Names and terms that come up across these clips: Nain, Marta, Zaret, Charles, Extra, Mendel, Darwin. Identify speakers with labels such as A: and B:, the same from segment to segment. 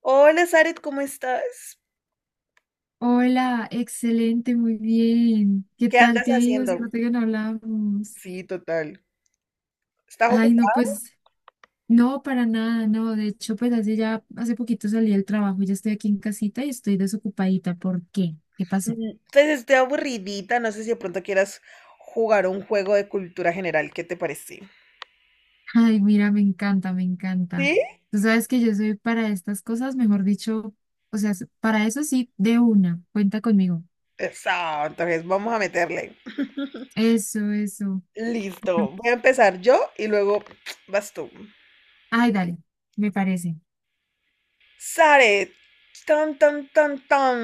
A: Hola, Zaret, ¿cómo estás?
B: Hola, excelente, muy bien. ¿Qué
A: ¿Qué
B: tal
A: andas
B: te ha ido? Se
A: haciendo?
B: nota que no hablábamos.
A: Sí, total. ¿Estás
B: Ay, no,
A: ocupada?
B: pues, no, para nada, no. De hecho, pues hace ya, hace poquito salí del trabajo, ya estoy aquí en casita y estoy desocupadita. ¿Por qué? ¿Qué pasó?
A: Pues estoy aburridita, no sé si de pronto quieras jugar un juego de cultura general, ¿qué te parece?
B: Ay, mira, me encanta, me encanta.
A: ¿Sí?
B: Tú sabes que yo soy para estas cosas, mejor dicho, o sea, para eso sí, de una, cuenta conmigo.
A: Eso, entonces vamos a meterle.
B: Eso, eso.
A: Listo, voy a empezar yo y luego vas tú.
B: Ay, dale, me parece.
A: Zaret, tan, tan, tan, tan.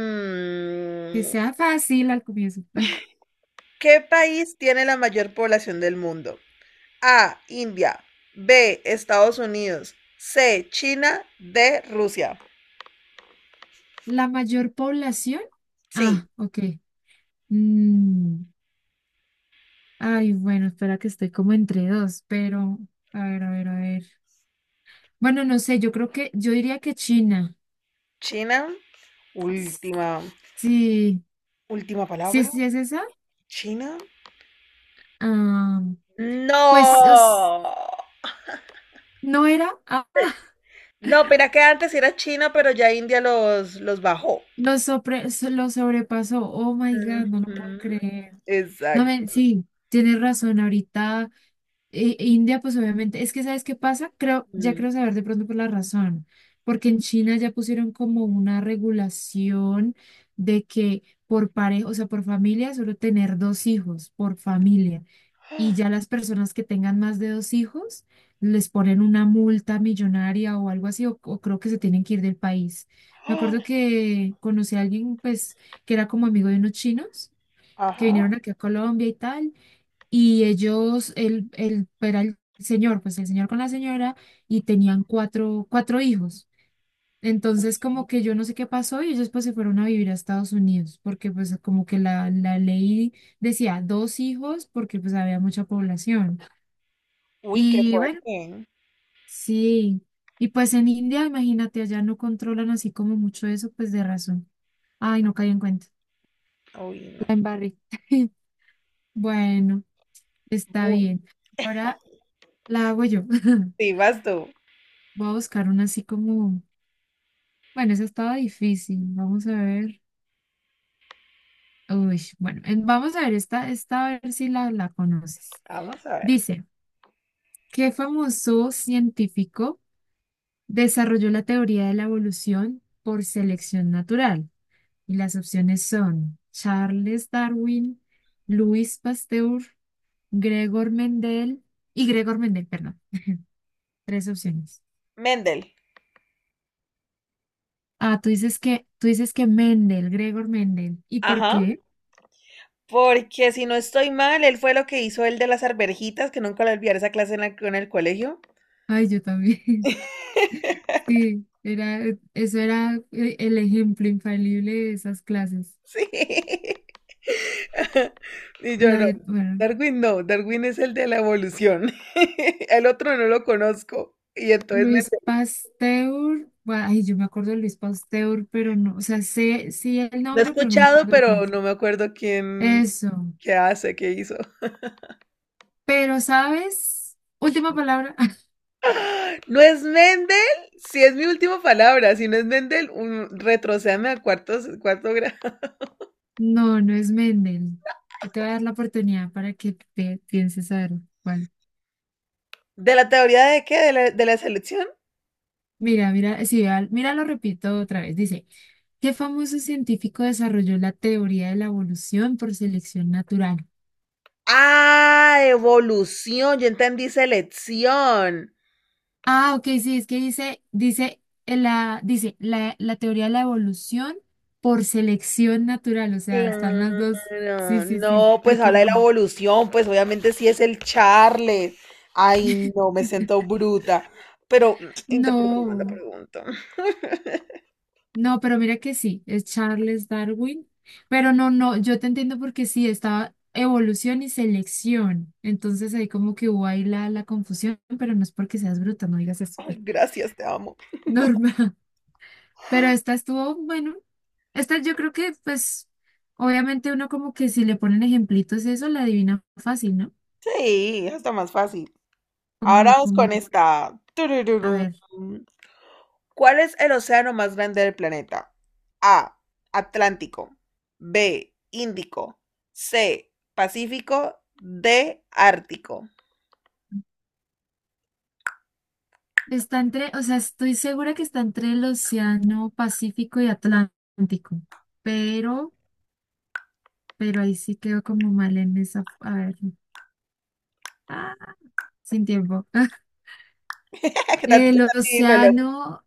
B: Que sea fácil al comienzo.
A: ¿Qué país tiene la mayor población del mundo? A. India. B. Estados Unidos. C. China. D. Rusia.
B: La mayor población. Ah,
A: Sí,
B: ok. Mm, Ay, bueno, espera que estoy como entre dos, pero a ver, a ver, a ver. Bueno, no sé, yo creo que, yo diría que China.
A: China.
B: S-
A: Última,
B: Sí,
A: última
B: sí,
A: palabra.
B: sí es esa.
A: China.
B: Ah, pues
A: No.
B: no era. Ah,
A: No, pero que antes era China, pero ya India los bajó.
B: lo, lo sobrepasó. Oh my God, no lo puedo
A: Ujú,
B: creer. No,
A: exacto.
B: me, sí, tienes razón. Ahorita. India, pues obviamente, es que ¿sabes qué pasa? Creo, ya
A: Mm.
B: creo saber de pronto por la razón, porque en China ya pusieron como una regulación de que por pareja, o sea, por familia, solo tener dos hijos, por familia, y ya las personas que tengan más de dos hijos les ponen una multa millonaria o algo así, o creo que se tienen que ir del país. Me
A: ¡Ah!
B: acuerdo que conocí a alguien, pues, que era como amigo de unos chinos que
A: Ajá.
B: vinieron aquí a Colombia y tal y ellos, él era el señor, pues el señor con la señora, y tenían cuatro hijos. Entonces, como que yo no sé qué pasó y ellos pues se fueron a vivir a Estados Unidos, porque pues como que la ley decía dos hijos, porque pues había mucha población.
A: Uy, qué
B: Y bueno,
A: fuerte.
B: sí. Y pues en India, imagínate, allá no controlan así como mucho eso, pues de razón. Ay, no caí en cuenta.
A: Uy, no.
B: La embarré. Bueno, está
A: Bu-
B: bien. Ahora la hago yo.
A: Sí, vas tú.
B: Voy a buscar una así como, bueno, esa estaba difícil. Vamos a ver. Uy, bueno, vamos a ver esta, esta a ver si la, la conoces.
A: Vamos a ver.
B: Dice, ¿qué famoso científico desarrolló la teoría de la evolución por selección natural? Y las opciones son Charles Darwin, Luis Pasteur, Gregor Mendel y Gregor Mendel, perdón. Tres opciones.
A: Mendel.
B: Ah, tú dices que Mendel, Gregor Mendel. ¿Y por
A: Ajá.
B: qué?
A: Porque si no estoy mal, él fue lo que hizo el de las arvejitas, que nunca lo olvidaré esa clase en en el colegio.
B: Ay, yo también. Sí, era, e, eso era el ejemplo infalible de esas clases.
A: Sí. Y yo
B: La
A: no.
B: de, bueno,
A: Darwin no, Darwin es el de la evolución. El otro no lo conozco. Y entonces me
B: Luis Pasteur, bueno, ay, yo me acuerdo de Luis Pasteur, pero no, o sea, sé, sí el
A: lo he
B: nombre, pero no me
A: escuchado,
B: acuerdo de quién
A: pero
B: es.
A: no me acuerdo quién,
B: Eso.
A: qué hace, qué hizo.
B: Pero, ¿sabes? Última palabra.
A: ¡Ah! ¿No es Mendel? Si es mi última palabra, si no es Mendel, un, retrocéame a cuartos, cuarto grado.
B: No, no es Mendel. Te voy a dar la oportunidad para que te pienses a ver cuál.
A: ¿De la teoría de qué? ¿De la selección?
B: Mira, mira, sí, mira, lo repito otra vez. Dice, ¿qué famoso científico desarrolló la teoría de la evolución por selección natural?
A: Ah, evolución, yo entendí selección.
B: Ah, ok, sí, es que dice, dice, dice la, la teoría de la evolución por selección natural, o sea, están las dos. Sí,
A: Claro,
B: sí, sí,
A: no,
B: ahí
A: pues habla de la
B: confundí.
A: evolución, pues obviamente sí es el Charles. Ay, no, me siento bruta. Pero interpreté mal la
B: No.
A: pregunta.
B: No, pero mira que sí, es Charles Darwin. Pero no, no, yo te entiendo porque sí, estaba evolución y selección. Entonces ahí como que hubo ahí la, la confusión, pero no es porque seas bruta, no digas eso.
A: Ay, gracias, te amo.
B: Normal. Pero esta estuvo, bueno, esta yo creo que pues obviamente uno como que si le ponen ejemplitos eso, la adivina fácil, ¿no?
A: Sí, está más fácil.
B: Como
A: Ahora
B: lo
A: vamos
B: común.
A: con esta.
B: A
A: Turururum.
B: ver,
A: ¿Cuál es el océano más grande del planeta? A. Atlántico. B. Índico. C. Pacífico. D. Ártico.
B: está entre, o sea, estoy segura que está entre el Océano Pacífico y Atlántico, pero... pero ahí sí quedó como mal en esa. A ver, ah, sin tiempo.
A: ¿Qué tal? ¿Qué
B: El
A: tal mi reloj?
B: océano,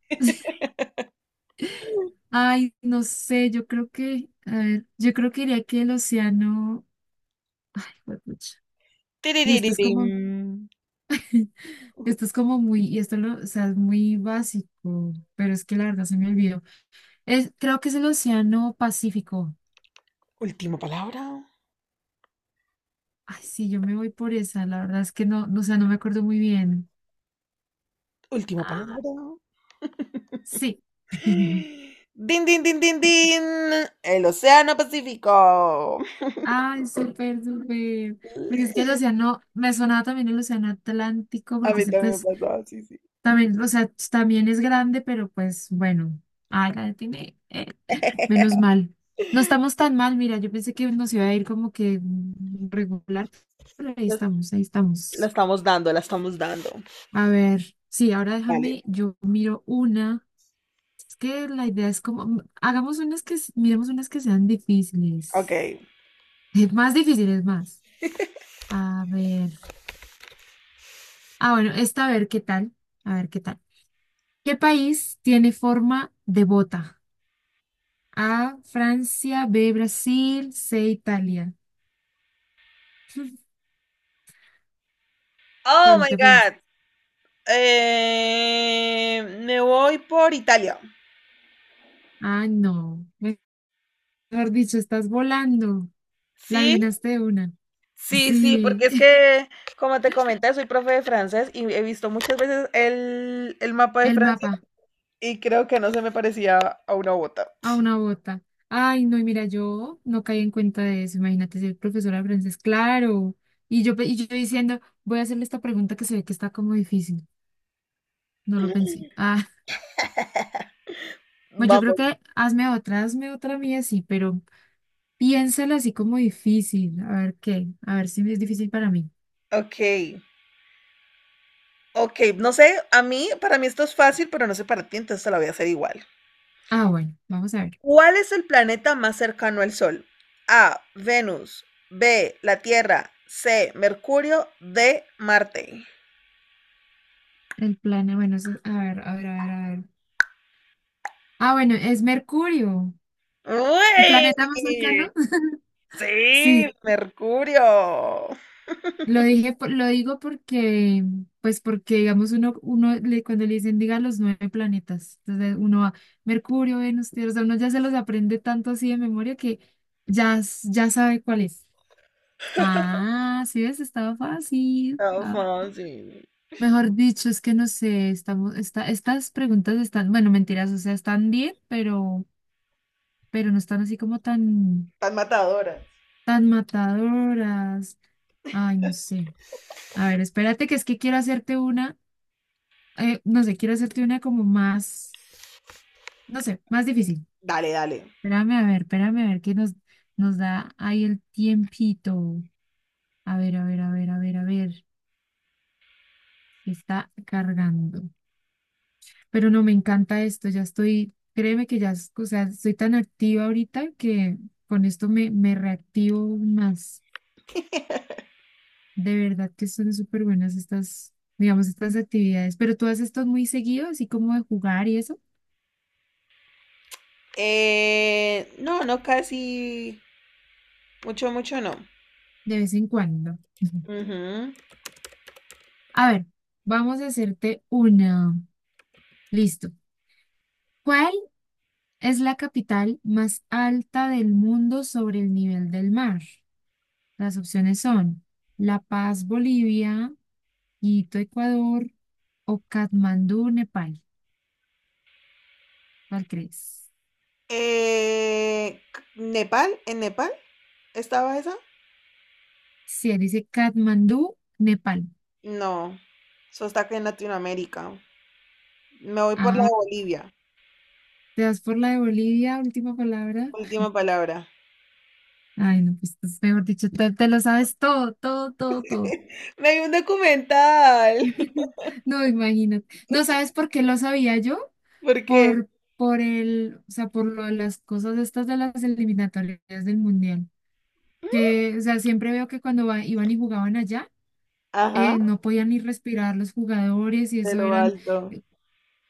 B: ay, no sé, yo creo que, a ver, yo creo que diría que el océano, juepucha. Y
A: Tiririririm.
B: esto es como muy, y esto lo, o sea, es muy básico, pero es que la verdad se me olvidó. Es, creo que es el océano Pacífico.
A: Última palabra.
B: Ay, sí, yo me voy por esa, la verdad es que no, no, o sea, no me acuerdo muy bien.
A: Última palabra.
B: Ah, sí.
A: Din, din, din, din, din. El océano Pacífico.
B: Ay, súper, súper. Porque es que el océano, me sonaba también el océano Atlántico,
A: A
B: porque
A: mí
B: ese
A: también
B: pues
A: me pasó, sí, sí.
B: también, o sea, también es grande, pero pues bueno, ay, la tiene, menos mal. No estamos tan mal, mira, yo pensé que nos iba a ir como que regular, pero ahí estamos, ahí
A: La
B: estamos.
A: estamos dando, la estamos dando.
B: A ver, sí, ahora
A: Vale,
B: déjame, yo miro una. Es que la idea es como, hagamos unas que, miremos unas que sean
A: ok.
B: difíciles. Más difíciles, más. A ver. Ah, bueno, esta a ver qué tal. A ver qué tal. ¿Qué país tiene forma de bota? A, Francia, B, Brasil, C, Italia.
A: Oh
B: ¿Cuál
A: my
B: te parece?
A: God. Me voy por Italia.
B: Ah, no. Mejor dicho, estás volando. La
A: Sí,
B: adivinaste de una.
A: sí, sí, porque
B: Sí,
A: es que, como te comenté, soy profe de francés y he visto muchas veces el mapa de
B: el
A: Francia
B: mapa
A: y creo que no se me parecía a una bota.
B: a una bota. Ay, no, y mira, yo no caí en cuenta de eso. Imagínate ser profesora de francés, claro. Y yo, y yo diciendo, voy a hacerle esta pregunta que se ve que está como difícil. No lo pensé. Ah. Pues yo creo
A: Vamos.
B: que hazme otra mía, sí, pero piénsala así como difícil. A ver qué, a ver si es difícil para mí.
A: Ok, ok, no sé, a mí, para mí esto es fácil, pero no sé para ti, entonces te la voy a hacer igual.
B: Ah, bueno, vamos a ver.
A: ¿Cuál es el planeta más cercano al Sol? A, Venus, B, la Tierra, C, Mercurio, D, Marte.
B: El planeta, bueno, a ver, a ver, a ver, a ver. Ah, bueno, es Mercurio, el
A: ¡Uy!
B: planeta más cercano.
A: Sí,
B: Sí,
A: Mercurio.
B: lo dije, lo digo porque, pues porque, digamos, uno, cuando le dicen, diga los nueve planetas, entonces uno va, Mercurio, Venus, Tierra, o sea, uno ya se los aprende tanto así de memoria que ya, ya sabe cuál es. Ah, sí ves, estaba fácil.
A: Tan
B: Ah,
A: fácil.
B: mejor dicho, es que no sé, estamos, esta, estas preguntas están, bueno, mentiras, o sea, están bien, pero no están así como tan,
A: Tan matadora.
B: tan matadoras. Ay, no sé. A ver, espérate, que es que quiero hacerte una, no sé, quiero hacerte una como más, no sé, más difícil.
A: Dale, dale.
B: Espérame, a ver, que nos, nos da ahí el tiempito. A ver, a ver, a ver, a ver, a ver, que está cargando. Pero no, me encanta esto, ya estoy, créeme que ya, o sea, estoy tan activa ahorita que con esto me, me reactivo más. De verdad que son súper buenas estas, digamos, estas actividades. Pero tú haces esto muy seguido, así como de jugar y eso,
A: No, no casi. Mucho, mucho no.
B: de vez en cuando.
A: Ujú.
B: A ver, vamos a hacerte una. Listo. ¿Cuál es la capital más alta del mundo sobre el nivel del mar? Las opciones son La Paz, Bolivia, Quito, Ecuador o Katmandú, Nepal. ¿Cuál crees?
A: Eh, ¿Nepal? ¿En Nepal? ¿Estaba esa?
B: Si él dice Katmandú, Nepal.
A: No. Eso está acá en Latinoamérica. Me voy por la
B: Ah,
A: de Bolivia.
B: ¿te das por la de Bolivia, última palabra?
A: Última palabra.
B: Ay, no, pues pues, mejor dicho, te lo sabes todo, todo, todo, todo.
A: Me vi un documental.
B: No, imagínate. ¿No sabes por qué lo sabía yo?
A: ¿Por qué?
B: Por, por el, o sea, por lo de las cosas estas de las eliminatorias del mundial. Que, o sea, siempre veo que cuando iban y jugaban allá
A: Ajá,
B: no podían ni respirar los jugadores y
A: de
B: eso
A: lo
B: eran,
A: alto.
B: eh,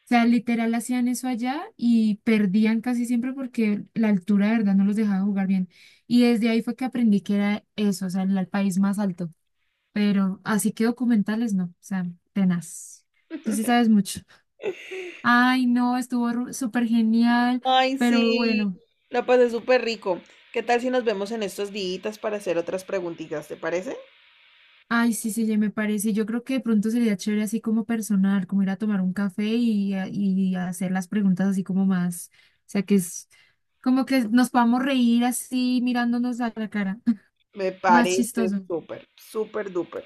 B: o sea, literal hacían eso allá y perdían casi siempre porque la altura de verdad no los dejaba jugar bien. Y desde ahí fue que aprendí que era eso, o sea, el país más alto. Pero así que documentales no, o sea, tenaz. Tú sí sabes mucho. Ay, no, estuvo súper genial,
A: Ay,
B: pero
A: sí,
B: bueno.
A: la pasé súper rico. ¿Qué tal si nos vemos en estos días para hacer otras preguntitas? ¿Te parece?
B: Ay, sí, sí, ya me parece. Yo creo que de pronto sería chévere así como personal, como ir a tomar un café y, y hacer las preguntas así como más. O sea, que es como que nos podamos reír así mirándonos a la cara.
A: Me
B: Más
A: parece
B: chistoso.
A: súper, súper duper.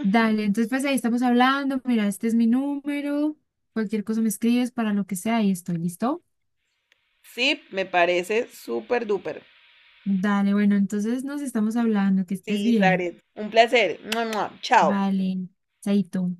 B: Dale, entonces pues ahí estamos hablando. Mira, este es mi número. Cualquier cosa me escribes para lo que sea y estoy listo.
A: Sí, me parece súper duper.
B: Dale, bueno, entonces nos estamos hablando. Que
A: Sí,
B: estés bien.
A: Zaret, un placer. Mua, mua. Chao.
B: Vale, chaito.